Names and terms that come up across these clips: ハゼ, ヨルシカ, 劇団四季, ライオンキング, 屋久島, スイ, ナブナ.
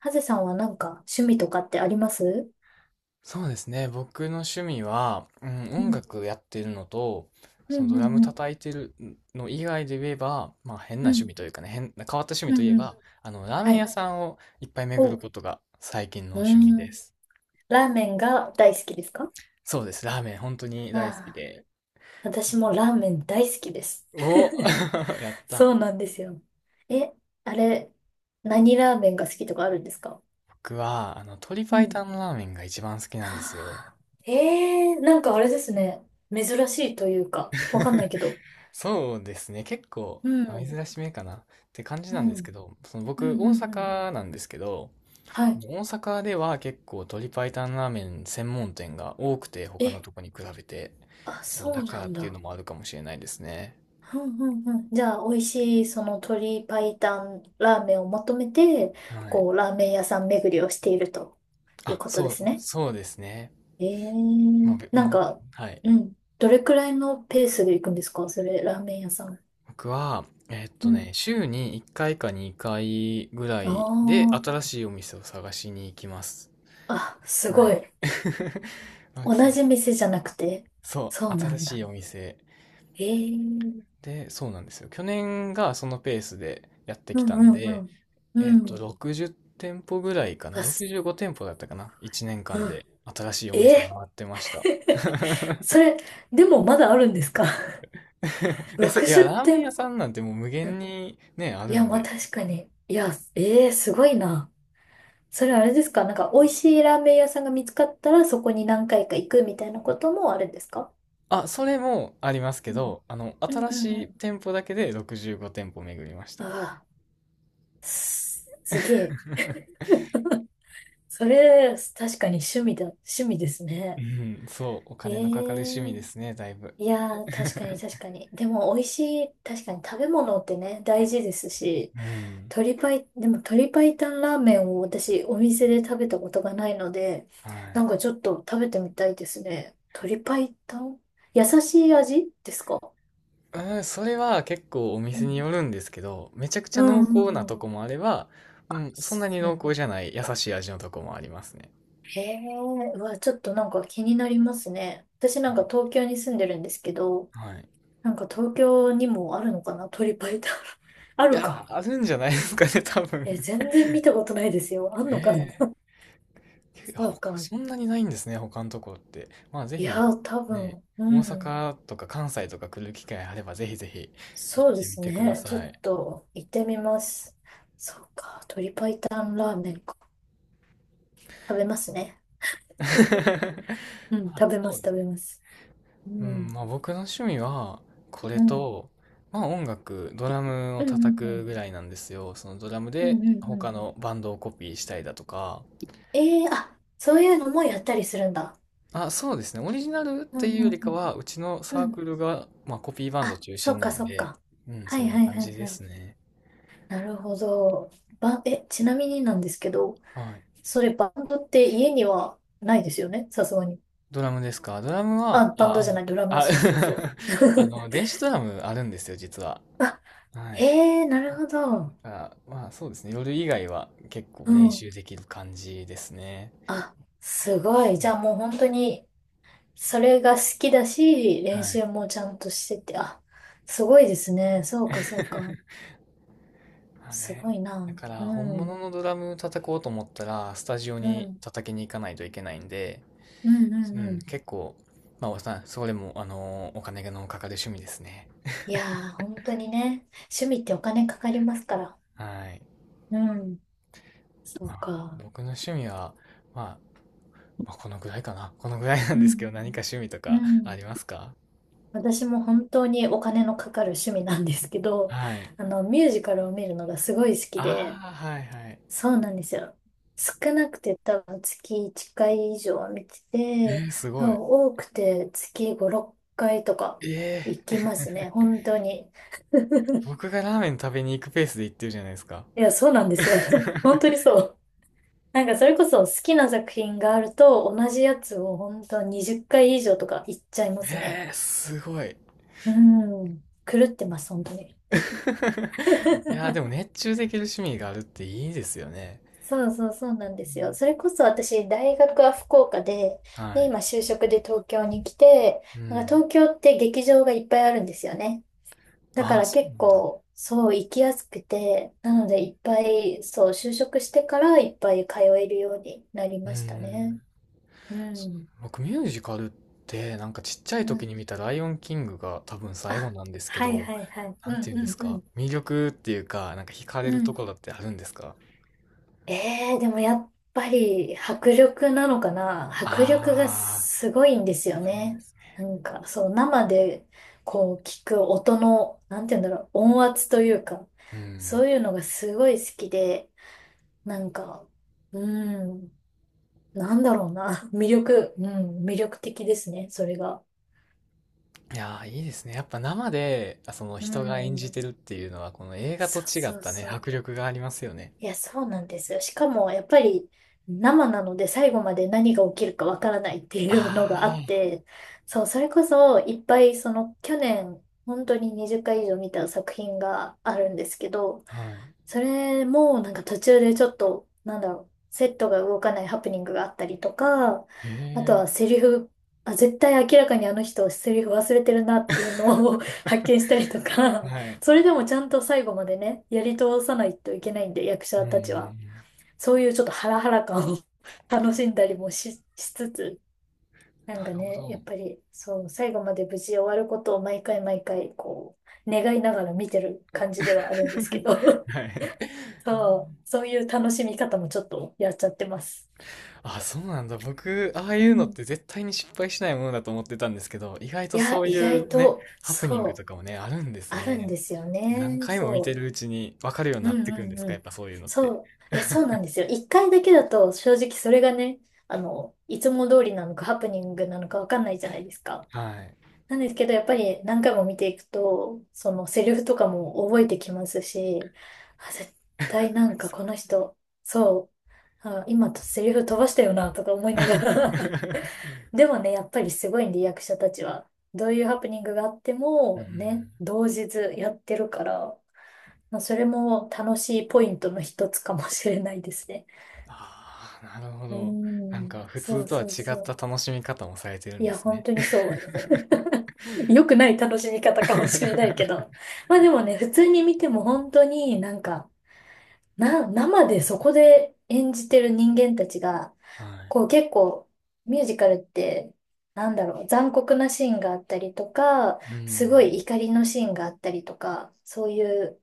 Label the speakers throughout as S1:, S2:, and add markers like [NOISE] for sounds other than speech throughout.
S1: ハゼさんはなんか趣味とかってあります？
S2: そうですね。僕の趣味は、
S1: う
S2: 音
S1: ん。
S2: 楽やってるのと、
S1: う
S2: その
S1: ん
S2: ド
S1: う
S2: ラ
S1: ん
S2: ム
S1: うん。
S2: 叩いてるの以外で言えば、まあ変な
S1: う
S2: 趣
S1: ん。
S2: 味というかね、変わった趣味
S1: う
S2: といえ
S1: んう
S2: ば、
S1: ん。
S2: ラーメ
S1: は
S2: ン屋
S1: い。
S2: さんをいっぱい巡
S1: お
S2: る
S1: う。
S2: ことが最近の
S1: ー
S2: 趣味
S1: ん。
S2: です。
S1: ラーメンが大好きですか？
S2: そうです。ラーメン本当に
S1: あ
S2: 大好き
S1: あ。
S2: で。
S1: 私もラーメン大好きです。
S2: お
S1: [LAUGHS]
S2: [LAUGHS] やった。
S1: そうなんですよ。え、あれ、何ラーメンが好きとかあるんですか？
S2: 僕は、鶏
S1: う
S2: 白湯の
S1: ん。
S2: ラーメンが一番好きなんですよ。
S1: はあ、なんかあれですね。珍しいというか、わかんないけど。
S2: そうですね。結構、
S1: う
S2: まあ
S1: ん。
S2: 珍しめかなって感じ
S1: う
S2: なんですけ
S1: ん。
S2: ど、
S1: う
S2: 僕、
S1: んう
S2: 大
S1: んうん。
S2: 阪なんですけど、
S1: はい。
S2: 大阪では結構鶏白湯ラーメン専門店が多くて、他の
S1: え、
S2: とこに比べて
S1: あ、
S2: そう
S1: そ
S2: だ
S1: う
S2: か
S1: な
S2: らっ
S1: ん
S2: ていう
S1: だ。
S2: のもあるかもしれないですね。
S1: うんうんうん、じゃあ、美味しい、その鶏白湯ラーメンを求めて、
S2: はい。
S1: こう、ラーメン屋さん巡りをしているという
S2: あ、
S1: ことで
S2: そう
S1: すね。
S2: そうですね。
S1: え
S2: まあ、
S1: ーなんか、
S2: はい。
S1: うん。どれくらいのペースで行くんですか、それ、ラーメン屋さん。
S2: 僕は
S1: うん。
S2: 週に1回か2回ぐらいで
S1: あ
S2: 新しいお店を探しに行きます。
S1: あ、あ、す
S2: は
S1: ご
S2: い。
S1: い。
S2: [LAUGHS] まあそ
S1: 同
S2: う
S1: じ店じゃなくて。
S2: そ
S1: そう
S2: う、
S1: な
S2: 新
S1: ん
S2: しい
S1: だ。
S2: お店
S1: ええ、
S2: で、そうなんですよ。去年がそのペースでやって
S1: う
S2: き
S1: ん
S2: た
S1: う
S2: ん
S1: んう
S2: で、
S1: ん。うん。
S2: 60店舗ぐらいかな。
S1: あ、す、
S2: 65店舗だったかな。1年
S1: う
S2: 間
S1: ん。
S2: で新しいお店
S1: え
S2: 回
S1: ー
S2: ってました。[LAUGHS]
S1: [LAUGHS] それ、でもまだあるんですか？
S2: いや、ラ
S1: 60 [LAUGHS]
S2: ーメン
S1: 店
S2: 屋さ
S1: 舗。
S2: んなんてもう無限にね、あ
S1: い
S2: る
S1: や、
S2: ん
S1: まあ
S2: で。
S1: 確かに。いや、ええーすごいな。それあれですか、なんか美味しいラーメン屋さんが見つかったらそこに何回か行くみたいなこともあるんですか？
S2: あ、それもありますけ
S1: うん
S2: ど、
S1: うんうん
S2: 新
S1: う
S2: しい
S1: ん。
S2: 店舗だけで65店舗巡りました。
S1: ああ、す、すげえ。それ、確かに趣味です
S2: う
S1: ね。
S2: ん、そう、お
S1: え
S2: 金のかかる趣味
S1: え、
S2: ですね、だいぶ。
S1: いやー、確かに確かに。でも美味しい、確かに食べ物ってね、大事ですし、
S2: うん、
S1: 鶏パイ、でも鶏白湯ラーメンを私お店で食べたことがないので、
S2: は
S1: な
S2: い。
S1: んかちょっと食べてみたいですね。鶏白湯、優しい味ですか？
S2: うん、それは結構お
S1: う
S2: 店に
S1: ん。
S2: よるんですけど、めちゃくち
S1: う
S2: ゃ
S1: ん
S2: 濃
S1: う
S2: 厚な
S1: んう
S2: と
S1: ん。
S2: こもあれば、うん、そん
S1: そ
S2: なに
S1: うな
S2: 濃
S1: ん
S2: 厚じゃない優しい味のとこもありますね。
S1: へえ、うわ、ちょっとなんか気になりますね。私なんか東京に住んでるんですけど、
S2: はい。
S1: なんか東京にもあるのかな、鳥パイタン。[LAUGHS] あ
S2: い
S1: る
S2: や
S1: か。
S2: ー、あるんじゃないですかね、多
S1: え、
S2: 分。
S1: 全然見たことないですよ。あんのかな。
S2: [LAUGHS] ええ、
S1: [LAUGHS] そうか。
S2: そんなにないんですね、他のところって。まあ、ぜ
S1: い
S2: ひ、
S1: や、多
S2: ね、
S1: 分、う
S2: 大
S1: ん。
S2: 阪とか関西とか来る機会あれば、ぜひぜひ行っ
S1: そうで
S2: てみ
S1: す
S2: てくだ
S1: ね。ちょ
S2: さ
S1: っ
S2: い。
S1: と行ってみます。そうか。鶏白湯ラーメンか。食べますね。
S2: [LAUGHS]
S1: うん、
S2: あ、
S1: 食べま
S2: そ
S1: す、
S2: うで
S1: 食
S2: す。
S1: べます。う
S2: うん、
S1: ん、
S2: まあ僕の趣味は、これ
S1: うん、
S2: と、まあ音楽、ドラムを
S1: うん、う
S2: 叩
S1: ん、う
S2: くぐ
S1: ん、
S2: らいなんですよ。そのドラム
S1: うん、う
S2: で
S1: んうん。
S2: 他のバンドをコピーしたりだとか、
S1: ええー、あ、そういうのもやったりするんだ。
S2: あ、そうですね。オリジナルっ
S1: う
S2: てい
S1: ん、
S2: うよ
S1: う
S2: り
S1: ん、
S2: か
S1: うん、
S2: は、うちの
S1: う
S2: サーク
S1: ん。
S2: ルが、まあ、コピーバンド
S1: あ、
S2: 中
S1: そ
S2: 心
S1: っ
S2: な
S1: か、
S2: ん
S1: そっ
S2: で、
S1: か。
S2: うん、
S1: は
S2: そん
S1: い、
S2: な
S1: はい、
S2: 感
S1: はい、
S2: じで
S1: は
S2: す
S1: い。
S2: ね。
S1: なるほど。ちなみになんですけど、
S2: はい。
S1: それバンドって家にはないですよね、さすがに。
S2: ドラムですか？ドラムは、
S1: あ、バンドじゃない、ドラム、
S2: あ、
S1: そうそうそう。
S2: [LAUGHS]
S1: [LAUGHS]
S2: 電子ドラムあるんですよ、実は。は
S1: え
S2: い。
S1: え、なるほど。
S2: だからまあ、そうですね。夜以外は結構
S1: う
S2: 練
S1: ん。
S2: 習できる感じですね。
S1: あ、すごい。じゃあもう本当に、それが好きだし、練
S2: はい。
S1: 習もちゃんとしてて、あ、すごいですね。そうか、そうか。
S2: [LAUGHS] まあ
S1: すご
S2: ね。
S1: いな。
S2: だか
S1: う
S2: ら、
S1: ん、
S2: 本
S1: うん、
S2: 物のドラム叩こうと思ったら、スタジオ
S1: う
S2: に
S1: ん、
S2: 叩きに行かないといけないんで、
S1: うん、
S2: う
S1: う
S2: ん、
S1: ん。
S2: 結構、まあ、それも、お金のかかる趣味ですね。
S1: いやー、本当にね、趣味ってお金かかりますから。
S2: はい。
S1: うん、そ
S2: ま
S1: う
S2: あ、
S1: か。
S2: 僕の趣味は、まあ、まあ、このぐらいかな。このぐらいなん
S1: う
S2: ですけ
S1: ん、
S2: ど、何か趣味と
S1: うん。う
S2: かあ
S1: ん、
S2: りますか？
S1: 私も本当にお金のかかる趣味なんですけど、
S2: はい。
S1: ミュージカルを見るのがすごい好きで、
S2: ああ、はいはい。
S1: そうなんですよ。少なくて多分月1回以上は見て
S2: え
S1: て、
S2: ー、す
S1: 多
S2: ご
S1: 分
S2: い。
S1: 多くて月5、6回とか
S2: え
S1: 行き
S2: ー、
S1: ますね。本当に。[LAUGHS]
S2: 僕がラーメン食べに行くペースで行ってるじゃないですか。
S1: いや、そうなんですよ。[LAUGHS] 本当に
S2: [LAUGHS]
S1: そう。なんかそれこそ好きな作品があると同じやつを本当20回以上とか行っちゃいますね。
S2: えー、すごい。[LAUGHS]
S1: うん。狂ってます、本当に。
S2: いやー、で
S1: [LAUGHS]
S2: も熱中できる趣味があるっていいですよね。
S1: そうそうそうなんですよ。それこそ私、大学は福岡で、
S2: うん、は
S1: で、
S2: い。
S1: 今就職で東京に来て、
S2: う
S1: なんか
S2: ん。
S1: 東京って劇場がいっぱいあるんですよね。だか
S2: ああ、
S1: ら
S2: そう
S1: 結
S2: なんだ。
S1: 構、そう、行きやすくて、なのでいっぱい、そう、就職してからいっぱい通えるようになり
S2: う
S1: ました
S2: ん。
S1: ね。うん。
S2: 僕ミュージカルってなんかちっちゃい
S1: う
S2: 時
S1: ん。
S2: に見た「ライオンキング」が多分最後
S1: あ、
S2: なんですけ
S1: はい
S2: ど、
S1: はいはい。
S2: な
S1: う
S2: ん
S1: ん
S2: て言うん
S1: う
S2: です
S1: んう
S2: か、
S1: ん。
S2: 魅力っていうか、なんか惹かれる
S1: う
S2: と
S1: ん、
S2: ころってあるんですか？
S1: ええ、でもやっぱり迫力なのかな、迫力が
S2: ああ
S1: すごいんですよね。なんか、そう、生でこう聞く音の、なんて言うんだろう、音圧というか、
S2: ー、うん。
S1: そういうのがすごい好きで、なんか、うん、なんだろうな、[LAUGHS] 魅力、うん、魅力的ですね、それが。
S2: いやー、いいですね。やっぱ生で、その
S1: う
S2: 人が演
S1: ん、
S2: じてるっていうのは、この映画と
S1: そう
S2: 違っ
S1: そう
S2: たね、
S1: そ
S2: 迫
S1: う。
S2: 力がありますよね。
S1: いや、そうなんですよ。しかも、やっぱり生なので最後まで何が起きるかわからないっていうのがあっ
S2: あ
S1: て、そう、それこそいっぱい、その去年、本当に20回以上見た作品があるんですけど、
S2: あ、はい。
S1: それもなんか途中でちょっと、なんだろう、セットが動かないハプニングがあったりとか、
S2: へ
S1: あと
S2: え、
S1: はセリフ、あ、絶対明らかにあの人セリフ忘れてるなっていうのを [LAUGHS] 発見したりとか、
S2: はい。
S1: それでもちゃんと最後までね、やり通さないといけないんで、役
S2: う
S1: 者
S2: んうんう
S1: たちは。
S2: ん。
S1: そういうちょっとハラハラ感を [LAUGHS] 楽しんだりもし、しつつ、なん
S2: な
S1: か
S2: るほ
S1: ね、やっ
S2: ど。
S1: ぱり、そう、最後まで無事終わることを毎回毎回、こう、願いながら見てる感じではあるんですけ
S2: [LAUGHS]
S1: ど、
S2: はい。
S1: [LAUGHS]
S2: [LAUGHS] あー
S1: そう、そういう楽しみ方もちょっとやっちゃってます。
S2: あ、そうなんだ。僕、ああ
S1: う
S2: いうのっ
S1: ん。
S2: て絶対に失敗しないものだと思ってたんですけど、意外
S1: い
S2: とそ
S1: や、
S2: う
S1: 意
S2: い
S1: 外
S2: うね、
S1: と、
S2: ハプニングと
S1: そう、
S2: かもね、あるんです
S1: あるん
S2: ね。
S1: ですよ
S2: 何
S1: ね。
S2: 回も見て
S1: そ
S2: るう
S1: う。
S2: ちに分かるように
S1: う
S2: な
S1: ん
S2: ってくん
S1: う
S2: で
S1: ん
S2: す
S1: う
S2: か、やっ
S1: ん。
S2: ぱそういうのって。
S1: そう。いや、そうなんですよ。一回だけだと、正直それがね、あの、いつも通りなのかハプニングなのかわかんないじゃないですか。
S2: はい。
S1: なんですけど、やっぱり何回も見ていくと、そのセリフとかも覚えてきますし、あ、絶対なんかこの人、そう、あ、今セリフ飛ばしたよな、とか思いながら
S2: [LAUGHS]
S1: [LAUGHS] でもね、やっぱりすごいんで、役者たちは。どういうハプニングがあって
S2: う
S1: も、
S2: ん。
S1: ね、同日やってるから、まあ、それも楽しいポイントの一つかもしれないですね。
S2: ああ、なるほ
S1: うー
S2: ど。なん
S1: ん、
S2: か、普
S1: そ
S2: 通
S1: う
S2: とは
S1: そう
S2: 違
S1: そ
S2: った
S1: う。
S2: 楽しみ方もされてる
S1: い
S2: んで
S1: や、
S2: す
S1: 本
S2: ね。
S1: 当
S2: [LAUGHS]
S1: にそう。良くない楽しみ方かもしれないけど。まあでもね、普通に見ても本当になんか、生でそこで演じてる人間たちが、
S2: は
S1: こう結構ミュージカルって、なんだろう、残酷なシーンがあったりとか、
S2: い。う
S1: す
S2: ん。
S1: ごい怒りのシーンがあったりとか、そういう、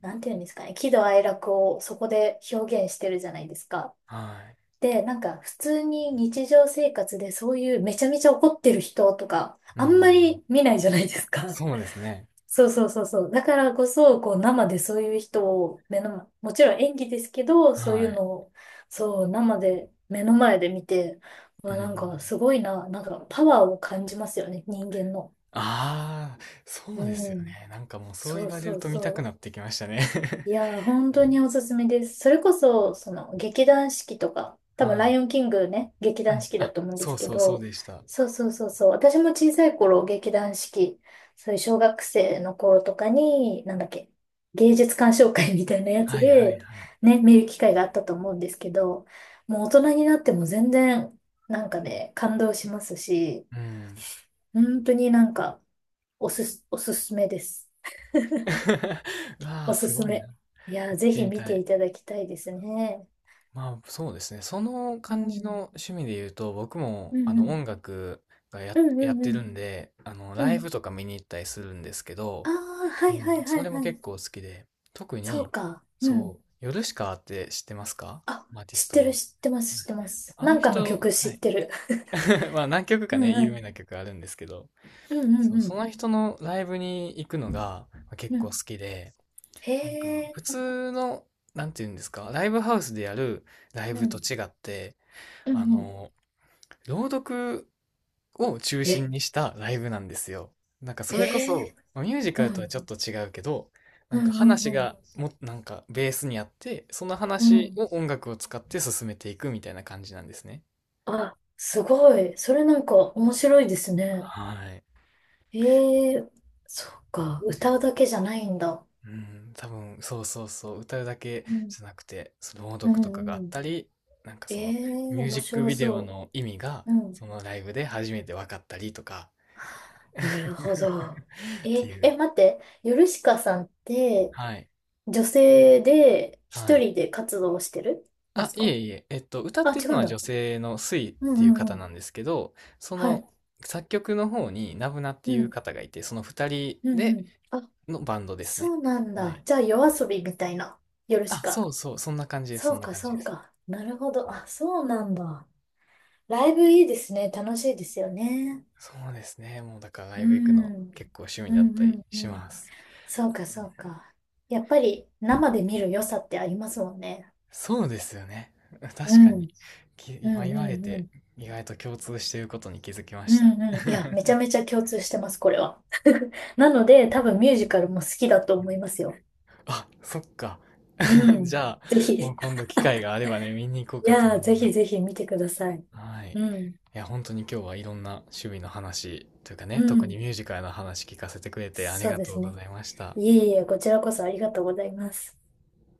S1: なんていうんですかね、喜怒哀楽をそこで表現してるじゃないですか。
S2: は
S1: で、なんか普通に日常生活でそういうめちゃめちゃ怒ってる人とか、
S2: い。う
S1: あんま
S2: ん。
S1: り見ないじゃないですか。
S2: そうですね。
S1: そうそうそうそう。だからこそ、こう生でそういう人を目の前、もちろん演技ですけど、そうい
S2: は
S1: う
S2: い。
S1: のを、そう、生で、目の前で見て、ま
S2: う
S1: あ
S2: ん。
S1: なんかすごいな、なんかパワーを感じますよね、人間の。
S2: ああ、そう
S1: う
S2: ですよ
S1: ん。
S2: ね。なんかもうそう
S1: そ
S2: 言
S1: う
S2: われ
S1: そ
S2: る
S1: う
S2: と見たく
S1: そ
S2: な
S1: う。
S2: ってきましたね。[LAUGHS]
S1: いやー、本当におすすめです。それこそ、その、劇団四季とか、多
S2: は
S1: 分、ラ
S2: い。
S1: イオンキングね、劇
S2: う
S1: 団
S2: ん。
S1: 四季だ
S2: あ、
S1: と思うんで
S2: そ
S1: す
S2: う
S1: け
S2: そうそう
S1: ど、
S2: でした。
S1: そうそうそうそう、私も小さい頃、劇団四季、そういう小学生の頃とかに、なんだっけ、芸術鑑賞会みたいなやつ
S2: はいはい
S1: で、
S2: はい。
S1: ね、見る機会があったと思うんですけど、もう大人になっても全然、なんかね、感動しますし、
S2: うん。
S1: 本当になんか、おすすめです。
S2: [LAUGHS] わあ、
S1: おす
S2: す
S1: す
S2: ごいな。
S1: め。
S2: 行
S1: いやー、
S2: っ
S1: ぜ
S2: て
S1: ひ
S2: み
S1: 見
S2: た
S1: て
S2: い。
S1: いただきたいですね。
S2: まあそうですね。その
S1: う
S2: 感じ
S1: ん。
S2: の趣味で言うと、僕も
S1: うん
S2: あ
S1: う
S2: の
S1: ん。
S2: 音楽が
S1: うんう
S2: やっ
S1: ん
S2: て
S1: う
S2: る
S1: ん。
S2: んで、あの
S1: う
S2: ライ
S1: ん。
S2: ブとか見に行ったりするんですけど、
S1: ああ、は
S2: う
S1: い
S2: ん、
S1: はいは
S2: そ
S1: い
S2: れも
S1: はい。
S2: 結構好きで、特
S1: そ
S2: に、
S1: うか。うん。
S2: そう、ヨルシカって知ってますか？
S1: あ、
S2: アーティス
S1: 知っ
S2: ト
S1: て
S2: の。
S1: る、
S2: は
S1: 知
S2: い、
S1: ってます、知ってます。
S2: あ
S1: な
S2: の
S1: んかの
S2: 人、
S1: 曲
S2: は
S1: 知っ
S2: い。
S1: てる。
S2: [LAUGHS] まあ何曲
S1: [LAUGHS] う
S2: かね、
S1: んう
S2: 有
S1: ん。
S2: 名な曲あるんですけど、
S1: うんう
S2: そ
S1: ん
S2: う、
S1: う
S2: そ
S1: ん。
S2: の人のライブに行くのがまあ結
S1: う
S2: 構好
S1: ん。
S2: きで、なん
S1: へ
S2: か普
S1: え。
S2: 通の、なんていうんですか、ライブハウスでやるライ
S1: う
S2: ブと
S1: ん。
S2: 違って、
S1: う
S2: あ
S1: んうん。
S2: の、朗読を中
S1: え、
S2: 心にしたライブなんですよ。なんかそれこ
S1: へ
S2: そ、
S1: え。
S2: まあミュージカ
S1: う
S2: ルとはち
S1: ん。
S2: ょっと違うけど、なん
S1: うん
S2: か
S1: うん
S2: 話
S1: うん。
S2: がも、なんかベースにあって、その
S1: う
S2: 話
S1: ん。
S2: を音楽を使って進めていくみたいな感じなんですね。
S1: あ、すごい。それなんか面白いですね。
S2: はい。
S1: ええ、そうか。歌うだけじゃないんだ。
S2: うん、多分、そうそうそう、歌うだけ
S1: うん。
S2: じゃなくて、その朗
S1: う
S2: 読とかが
S1: ん
S2: あっ
S1: う
S2: た
S1: ん。
S2: り、なんかそ
S1: え
S2: の、
S1: え、
S2: ミュー
S1: 面
S2: ジック
S1: 白
S2: ビデオ
S1: そ
S2: の意味が、
S1: う。う
S2: そ
S1: ん。
S2: のライブで初めて分かったりとか、[LAUGHS]
S1: [LAUGHS] なるほ
S2: っ
S1: ど。え、
S2: ていう。
S1: え、待って。ヨルシカさんって、
S2: はい。
S1: 女性で
S2: は
S1: 一
S2: い。
S1: 人で活動してるま
S2: あ、
S1: す
S2: い
S1: か？
S2: えいえ、歌っ
S1: あ、
S2: てる
S1: 違
S2: の
S1: うん
S2: は
S1: だ。
S2: 女性のスイっ
S1: うんう
S2: ていう方
S1: んう
S2: な
S1: ん。
S2: んですけど、そ
S1: はい。
S2: の作曲の方にナブナって
S1: う
S2: いう
S1: ん。
S2: 方がいて、その二人
S1: うんう
S2: で
S1: ん。あ、
S2: のバンドです
S1: そ
S2: ね。
S1: うなん
S2: は
S1: だ。
S2: い。
S1: じゃあ、夜遊びみたいな。ヨルシ
S2: あ、そ
S1: カ。
S2: うそう、そんな感じです、そん
S1: そう
S2: な
S1: か、
S2: 感じ
S1: そ
S2: で
S1: う
S2: す。
S1: か。なるほど。あ、そうなんだ。ライブいいですね。楽しいですよね。
S2: そうですね。もうだからラ
S1: う
S2: イブ行くの
S1: ん。
S2: 結構趣味
S1: う
S2: だっ
S1: ん
S2: た
S1: う
S2: り
S1: んう
S2: し
S1: ん。
S2: ます。
S1: そうか、そうか。やっぱり生で見る良さってありますもんね。
S2: そうですよね。[LAUGHS]
S1: う
S2: 確か
S1: ん、
S2: に。
S1: う
S2: 今
S1: ん、
S2: 言わ
S1: う
S2: れ
S1: ん、う
S2: て
S1: ん。
S2: 意外と共通していることに気づきま
S1: う
S2: した。
S1: んうん。いや、
S2: [LAUGHS]
S1: めちゃめちゃ共通してます、これは。[LAUGHS] なので、多分ミュージカルも好きだと思いますよ。
S2: あ、そっか。
S1: う
S2: [LAUGHS] じ
S1: ん。
S2: ゃあ、
S1: ぜひ。
S2: もう
S1: い
S2: 今度機会があればね、見に行こうかと思
S1: や
S2: い
S1: ー、ぜ
S2: ま
S1: ひぜ
S2: す。
S1: ひ見てください。
S2: はい。
S1: うん。
S2: いや、本当に今日はいろんな趣味の話というか
S1: う
S2: ね、特に
S1: ん。
S2: ミュージカルの話聞かせてくれてあり
S1: そう
S2: が
S1: で
S2: と
S1: す
S2: うご
S1: ね。
S2: ざいました。
S1: いえいえ、こちらこそありがとうございます。